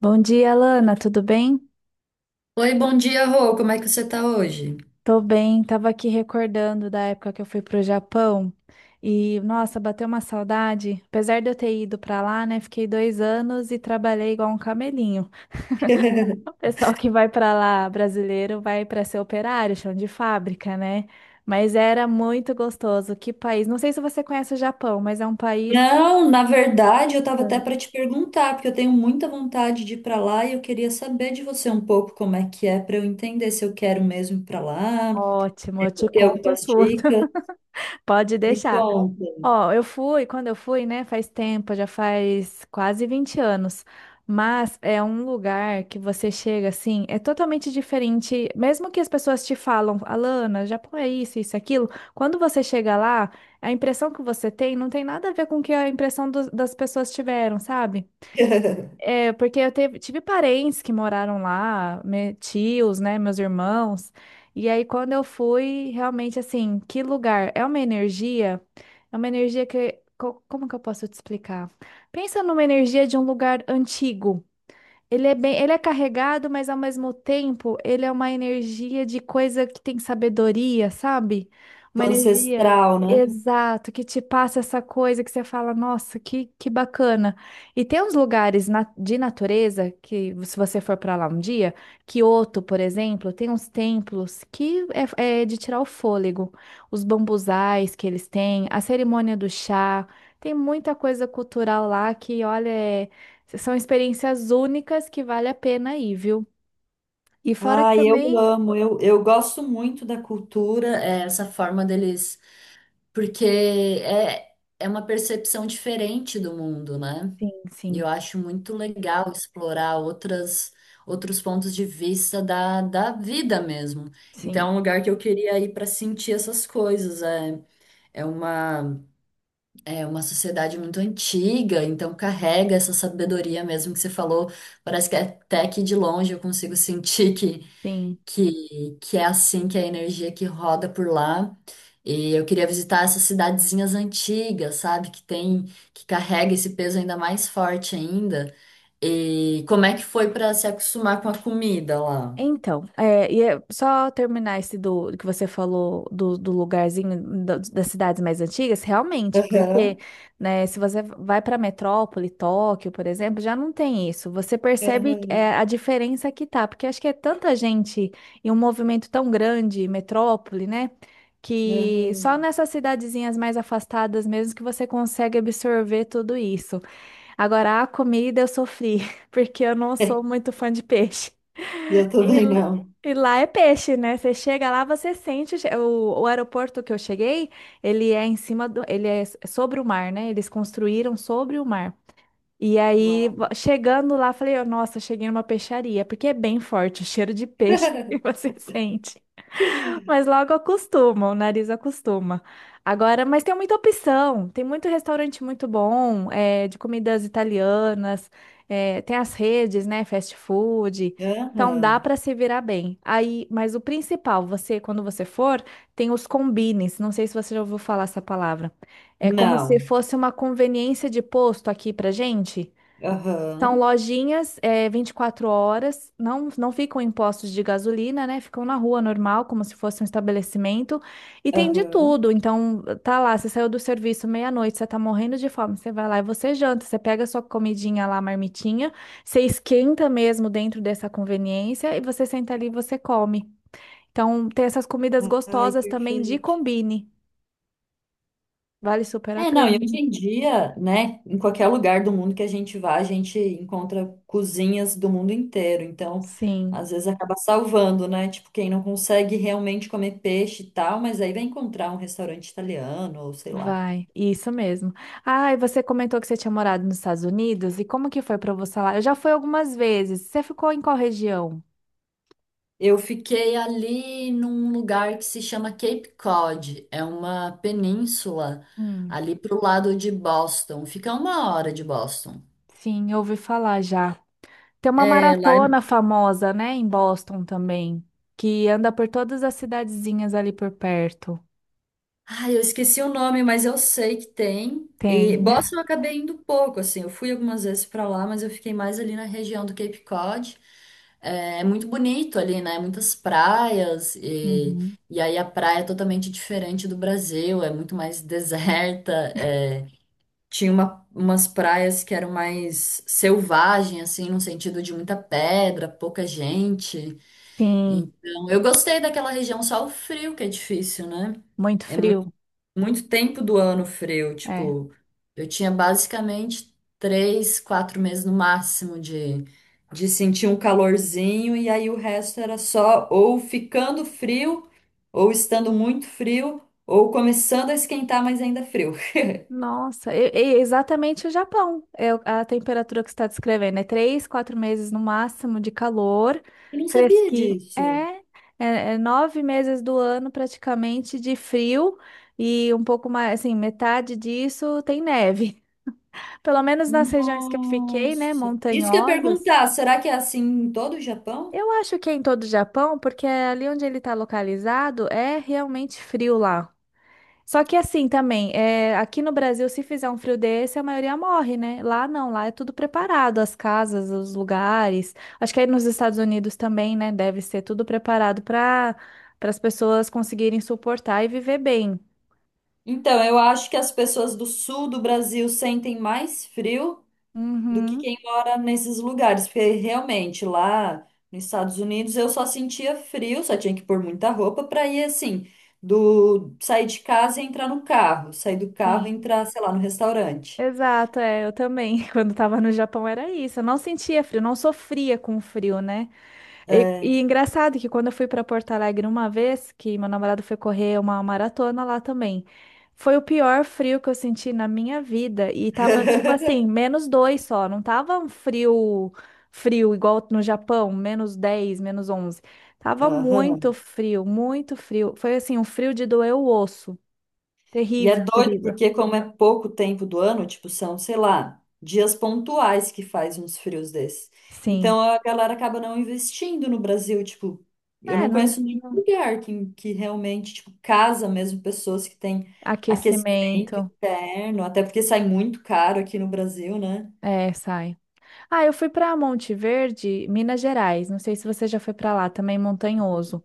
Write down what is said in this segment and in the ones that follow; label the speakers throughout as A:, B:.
A: Bom dia, Lana, tudo bem?
B: Oi, bom dia, Rô. Como é que você tá hoje?
A: Tô bem, tava aqui recordando da época que eu fui pro Japão e, nossa, bateu uma saudade. Apesar de eu ter ido pra lá, né, fiquei dois anos e trabalhei igual um camelinho. O pessoal que vai pra lá, brasileiro, vai pra ser operário, chão de fábrica, né? Mas era muito gostoso. Que país? Não sei se você conhece o Japão, mas é um país
B: Não, na verdade, eu estava até
A: é
B: para te perguntar, porque eu tenho muita vontade de ir para lá e eu queria saber de você um pouco como é que é para eu entender se eu quero mesmo ir para lá,
A: ótimo, eu te
B: ter
A: conto
B: algumas
A: tudo.
B: dicas.
A: Pode
B: Me
A: deixar.
B: conta.
A: Ó, eu fui, quando eu fui, né, faz tempo, já faz quase 20 anos, mas é um lugar que você chega assim, é totalmente diferente, mesmo que as pessoas te falam, Alana, Japão é isso, isso, e aquilo, quando você chega lá, a impressão que você tem não tem nada a ver com o que a impressão das pessoas tiveram, sabe? É, porque eu tive parentes que moraram lá, tios, né, meus irmãos. E aí, quando eu fui, realmente, assim, que lugar? É uma energia como que eu posso te explicar? Pensa numa energia de um lugar antigo. Ele é bem, ele é carregado, mas ao mesmo tempo ele é uma energia de coisa que tem sabedoria, sabe? Uma
B: Tipo
A: energia
B: Ancestral, né?
A: exato que te passa essa coisa que você fala, nossa, que bacana. E tem uns lugares de natureza que, se você for para lá um dia, Kyoto, por exemplo, tem uns templos que é de tirar o fôlego. Os bambuzais que eles têm, a cerimônia do chá, tem muita coisa cultural lá que, olha, é são experiências únicas que vale a pena ir, viu? E fora que
B: Ah, eu
A: também.
B: amo, eu gosto muito da cultura, é, essa forma deles, porque é uma percepção diferente do mundo, né?
A: Sim,
B: E
A: sim,
B: eu acho muito legal explorar outros pontos de vista da vida mesmo.
A: sim,
B: Então, é um lugar que eu queria ir para sentir essas coisas. É, é uma, é uma sociedade muito antiga, então carrega essa sabedoria mesmo que você falou. Parece que até que de longe eu consigo sentir que,
A: sim.
B: que é assim que é a energia que roda por lá. E eu queria visitar essas cidadezinhas antigas, sabe? Que carrega esse peso ainda mais forte ainda. E como é que foi para se acostumar com a comida lá?
A: Então, é, e é só terminar esse do que você falou do, do lugarzinho das cidades mais antigas, realmente, porque,
B: Aham,
A: né, se você vai para metrópole, Tóquio, por exemplo, já não tem isso. Você percebe
B: aham,
A: é, a diferença que tá, porque acho que é tanta gente e um movimento tão grande, metrópole, né, que só
B: aham.
A: nessas cidadezinhas mais afastadas mesmo que você consegue absorver tudo isso. Agora, a comida eu sofri, porque eu não sou muito fã de peixe.
B: Eu
A: E,
B: também
A: l-
B: não.
A: e lá é peixe, né? Você chega lá, você sente o aeroporto que eu cheguei, ele é em cima do. Ele é sobre o mar, né? Eles construíram sobre o mar. E aí,
B: Uau.
A: chegando lá, falei: "Oh, nossa, cheguei numa peixaria, porque é bem forte o cheiro de peixe que você sente." Mas logo acostuma, o nariz acostuma. Agora, mas tem muita opção, tem muito restaurante muito bom, é, de comidas italianas, é, tem as redes, né, fast food. Então dá
B: Aham.
A: para se virar bem. Aí, mas o principal, você, quando você for, tem os combines. Não sei se você já ouviu falar essa palavra. É como se
B: Não.
A: fosse uma conveniência de posto aqui pra gente. São
B: Aham,
A: lojinhas, é, 24 horas, não, não ficam em postos de gasolina, né? Ficam na rua normal, como se fosse um estabelecimento. E tem de
B: aham.
A: tudo. Então, tá lá, você saiu do serviço meia-noite, você tá morrendo de fome, você vai lá e você janta, você pega sua comidinha lá, marmitinha, você esquenta mesmo dentro dessa conveniência e você senta ali e você come. Então, tem essas comidas
B: Ai,
A: gostosas também de
B: perfeito.
A: combine. Vale super a
B: É, não, e hoje
A: pena.
B: em dia, né, em qualquer lugar do mundo que a gente vá, a gente encontra cozinhas do mundo inteiro. Então,
A: Sim.
B: às vezes acaba salvando, né? Tipo, quem não consegue realmente comer peixe e tal, mas aí vai encontrar um restaurante italiano, ou sei lá.
A: Vai, isso mesmo. Ah, e você comentou que você tinha morado nos Estados Unidos, e como que foi para você lá? Eu já fui algumas vezes. Você ficou em qual região?
B: Eu fiquei ali num lugar que se chama Cape Cod, é uma península
A: Hum,
B: ali pro lado de Boston, fica uma hora de Boston.
A: sim, eu ouvi falar já. Tem uma
B: É, lá.
A: maratona famosa, né, em Boston também, que anda por todas as cidadezinhas ali por perto.
B: Ai, eu esqueci o nome, mas eu sei que tem. E
A: Tem.
B: Boston eu acabei indo pouco, assim, eu fui algumas vezes pra lá, mas eu fiquei mais ali na região do Cape Cod. É muito bonito ali, né? Muitas praias, e,
A: Uhum.
B: e aí a praia é totalmente diferente do Brasil, é muito mais deserta. Umas praias que eram mais selvagem, assim, no sentido de muita pedra, pouca gente.
A: Sim,
B: Então, eu gostei daquela região, só o frio que é difícil, né?
A: muito
B: É muito,
A: frio.
B: muito tempo do ano frio.
A: É.
B: Tipo, eu tinha basicamente 3, 4 meses no máximo de sentir um calorzinho, e aí o resto era só ou ficando frio, ou estando muito frio, ou começando a esquentar, mas ainda frio.
A: Nossa, e exatamente o Japão. É a temperatura que você está descrevendo. É três, quatro meses no máximo de calor,
B: Eu não sabia
A: fresquinho.
B: disso.
A: É nove meses do ano praticamente de frio e um pouco mais, assim, metade disso tem neve. Pelo menos nas regiões que eu fiquei, né,
B: Nossa. Isso que eu ia
A: montanhosas.
B: perguntar, será que é assim em todo o Japão?
A: Eu acho que é em todo o Japão, porque ali onde ele está localizado é realmente frio lá. Só que assim também, é, aqui no Brasil, se fizer um frio desse, a maioria morre, né? Lá não, lá é tudo preparado, as casas, os lugares. Acho que aí nos Estados Unidos também, né? Deve ser tudo preparado para para as pessoas conseguirem suportar e viver bem.
B: Então, eu acho que as pessoas do sul do Brasil sentem mais frio do que
A: Uhum,
B: quem mora nesses lugares, porque realmente lá nos Estados Unidos eu só sentia frio, só tinha que pôr muita roupa para ir assim, do sair de casa e entrar no carro, sair do carro e
A: sim.
B: entrar, sei lá, no restaurante.
A: Exato, é, eu também. Quando estava no Japão era isso. Eu não sentia frio, não sofria com frio, né? E,
B: É.
A: e engraçado que quando eu fui para Porto Alegre uma vez, que meu namorado foi correr uma maratona lá também, foi o pior frio que eu senti na minha vida. E tava tipo assim, menos 2 só, não tava um frio, frio igual no Japão, menos 10, menos 11. Tava muito
B: Aham.
A: frio, muito frio. Foi assim, um frio de doer o osso.
B: E é
A: Terrível,
B: doido
A: terrível.
B: porque como é pouco tempo do ano, tipo, são, sei lá, dias pontuais que faz uns frios desses.
A: Sim.
B: Então a galera acaba não investindo no Brasil, tipo, eu
A: É,
B: não
A: não,
B: conheço nenhum
A: não-
B: lugar que, realmente, tipo, casa mesmo pessoas que têm aquecimento
A: aquecimento.
B: interno, até porque sai muito caro aqui no Brasil, né?
A: É, sai. Ah, eu fui para Monte Verde, Minas Gerais. Não sei se você já foi para lá, também montanhoso.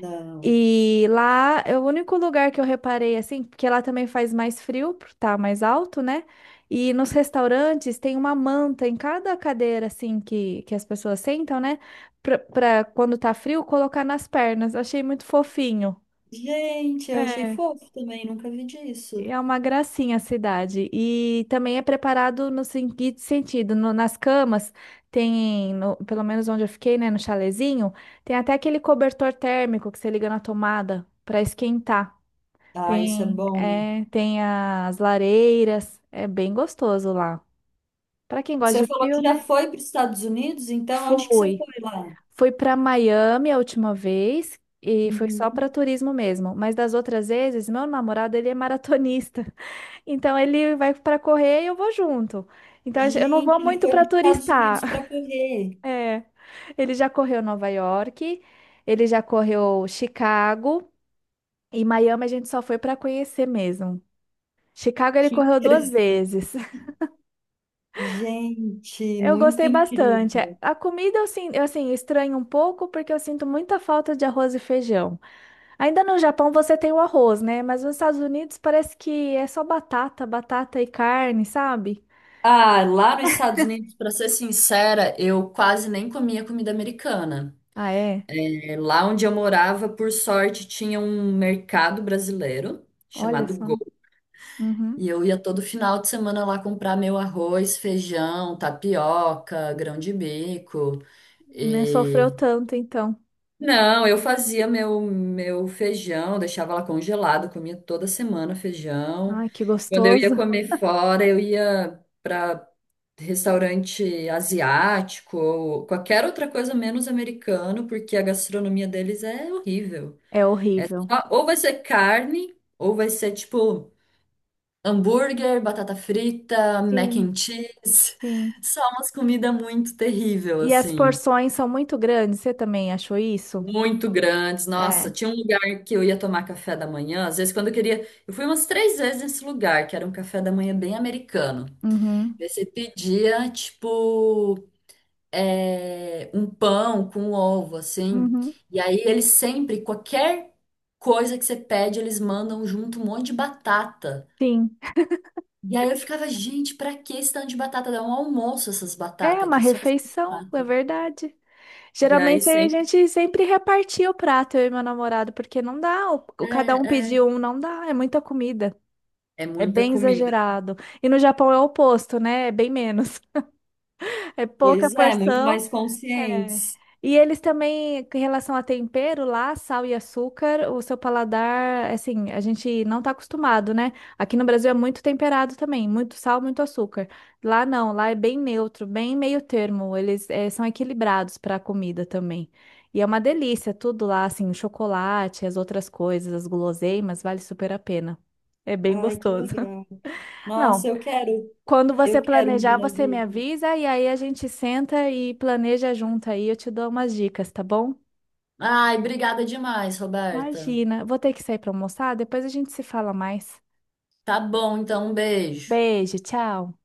B: Não.
A: E lá é o único lugar que eu reparei assim, porque lá também faz mais frio, por tá mais alto, né? E nos restaurantes tem uma manta em cada cadeira assim que as pessoas sentam, né? Pra quando tá frio colocar nas pernas. Eu achei muito fofinho.
B: Gente, eu achei
A: É.
B: fofo também, nunca vi disso.
A: É uma gracinha a cidade. E também é preparado no seguinte sentido, nas camas tem, pelo menos onde eu fiquei, né, no chalezinho, tem até aquele cobertor térmico que você liga na tomada para esquentar.
B: Ah, isso é
A: Tem,
B: bom.
A: é, tem as lareiras, é bem gostoso lá. Para quem gosta
B: Você
A: de
B: falou que
A: frio,
B: já
A: né?
B: foi para os Estados Unidos, então onde que você
A: Fui.
B: foi lá?
A: Fui para Miami a última vez e foi só para
B: Uhum.
A: turismo mesmo, mas das outras vezes, meu namorado, ele é maratonista. Então ele vai para correr e eu vou junto. Então eu não vou
B: Gente, ele
A: muito
B: foi para
A: para
B: os Estados
A: turistar.
B: Unidos para correr.
A: É. Ele já correu Nova York, ele já correu Chicago e Miami a gente só foi para conhecer mesmo. Chicago ele
B: Que
A: correu duas
B: interessante.
A: vezes.
B: Gente,
A: Eu
B: muito
A: gostei bastante.
B: incrível.
A: A comida eu assim estranho um pouco porque eu sinto muita falta de arroz e feijão. Ainda no Japão você tem o arroz, né? Mas nos Estados Unidos parece que é só batata, batata e carne, sabe?
B: Ah, lá nos Estados Unidos, para ser sincera, eu quase nem comia comida americana.
A: Ah, é?
B: É, lá onde eu morava, por sorte, tinha um mercado brasileiro
A: Olha
B: chamado
A: só.
B: Go.
A: Uhum.
B: E eu ia todo final de semana lá comprar meu arroz, feijão, tapioca, grão de bico.
A: Né?
B: E
A: Sofreu tanto, então.
B: Não, eu fazia meu feijão, deixava lá congelado, comia toda semana feijão.
A: Ai, que
B: Quando eu ia
A: gostoso.
B: comer fora, eu ia para restaurante asiático ou qualquer outra coisa menos americano, porque a gastronomia deles é horrível.
A: É horrível.
B: Ou vai ser carne, ou vai ser tipo hambúrguer, batata frita, mac
A: Sim,
B: and cheese.
A: sim.
B: Só umas comidas muito terrível,
A: E as
B: assim.
A: porções são muito grandes, você também achou isso?
B: Muito grandes. Nossa,
A: É.
B: tinha um lugar que eu ia tomar café da manhã. Às vezes, quando eu queria. Eu fui umas três vezes nesse lugar, que era um café da manhã bem americano.
A: Uhum,
B: Daí você pedia, tipo, um pão com um ovo, assim.
A: uhum.
B: E aí, eles sempre, qualquer coisa que você pede, eles mandam junto um monte de batata.
A: Sim.
B: E aí eu ficava, gente, pra que esse tanto de batata? Dá um almoço essas
A: É
B: batatas
A: uma
B: aqui, só essas
A: refeição, é
B: batatas.
A: verdade.
B: E aí
A: Geralmente a
B: sempre
A: gente sempre repartia o prato, eu e meu namorado, porque não dá,
B: é,
A: cada um
B: é,
A: pediu um, não dá, é muita comida.
B: é
A: É
B: muita
A: bem
B: comida.
A: exagerado. E no Japão é o oposto, né? É bem menos. É pouca
B: Pois é, muito
A: porção.
B: mais
A: É.
B: conscientes.
A: E eles também, em relação a tempero lá, sal e açúcar, o seu paladar, assim, a gente não tá acostumado, né? Aqui no Brasil é muito temperado também, muito sal, muito açúcar. Lá não, lá é bem neutro, bem meio termo. Eles são equilibrados para a comida também. E é uma delícia tudo lá, assim, o chocolate, as outras coisas, as guloseimas, vale super a pena. É bem
B: Ai, que
A: gostoso.
B: legal. Nossa,
A: Não, quando
B: eu
A: você
B: quero um dia
A: planejar,
B: na
A: você me
B: vida.
A: avisa e aí a gente senta e planeja junto aí. Eu te dou umas dicas, tá bom?
B: Ai, obrigada demais, Roberta.
A: Imagina, vou ter que sair para almoçar, depois a gente se fala mais.
B: Tá bom, então um beijo.
A: Beijo, tchau.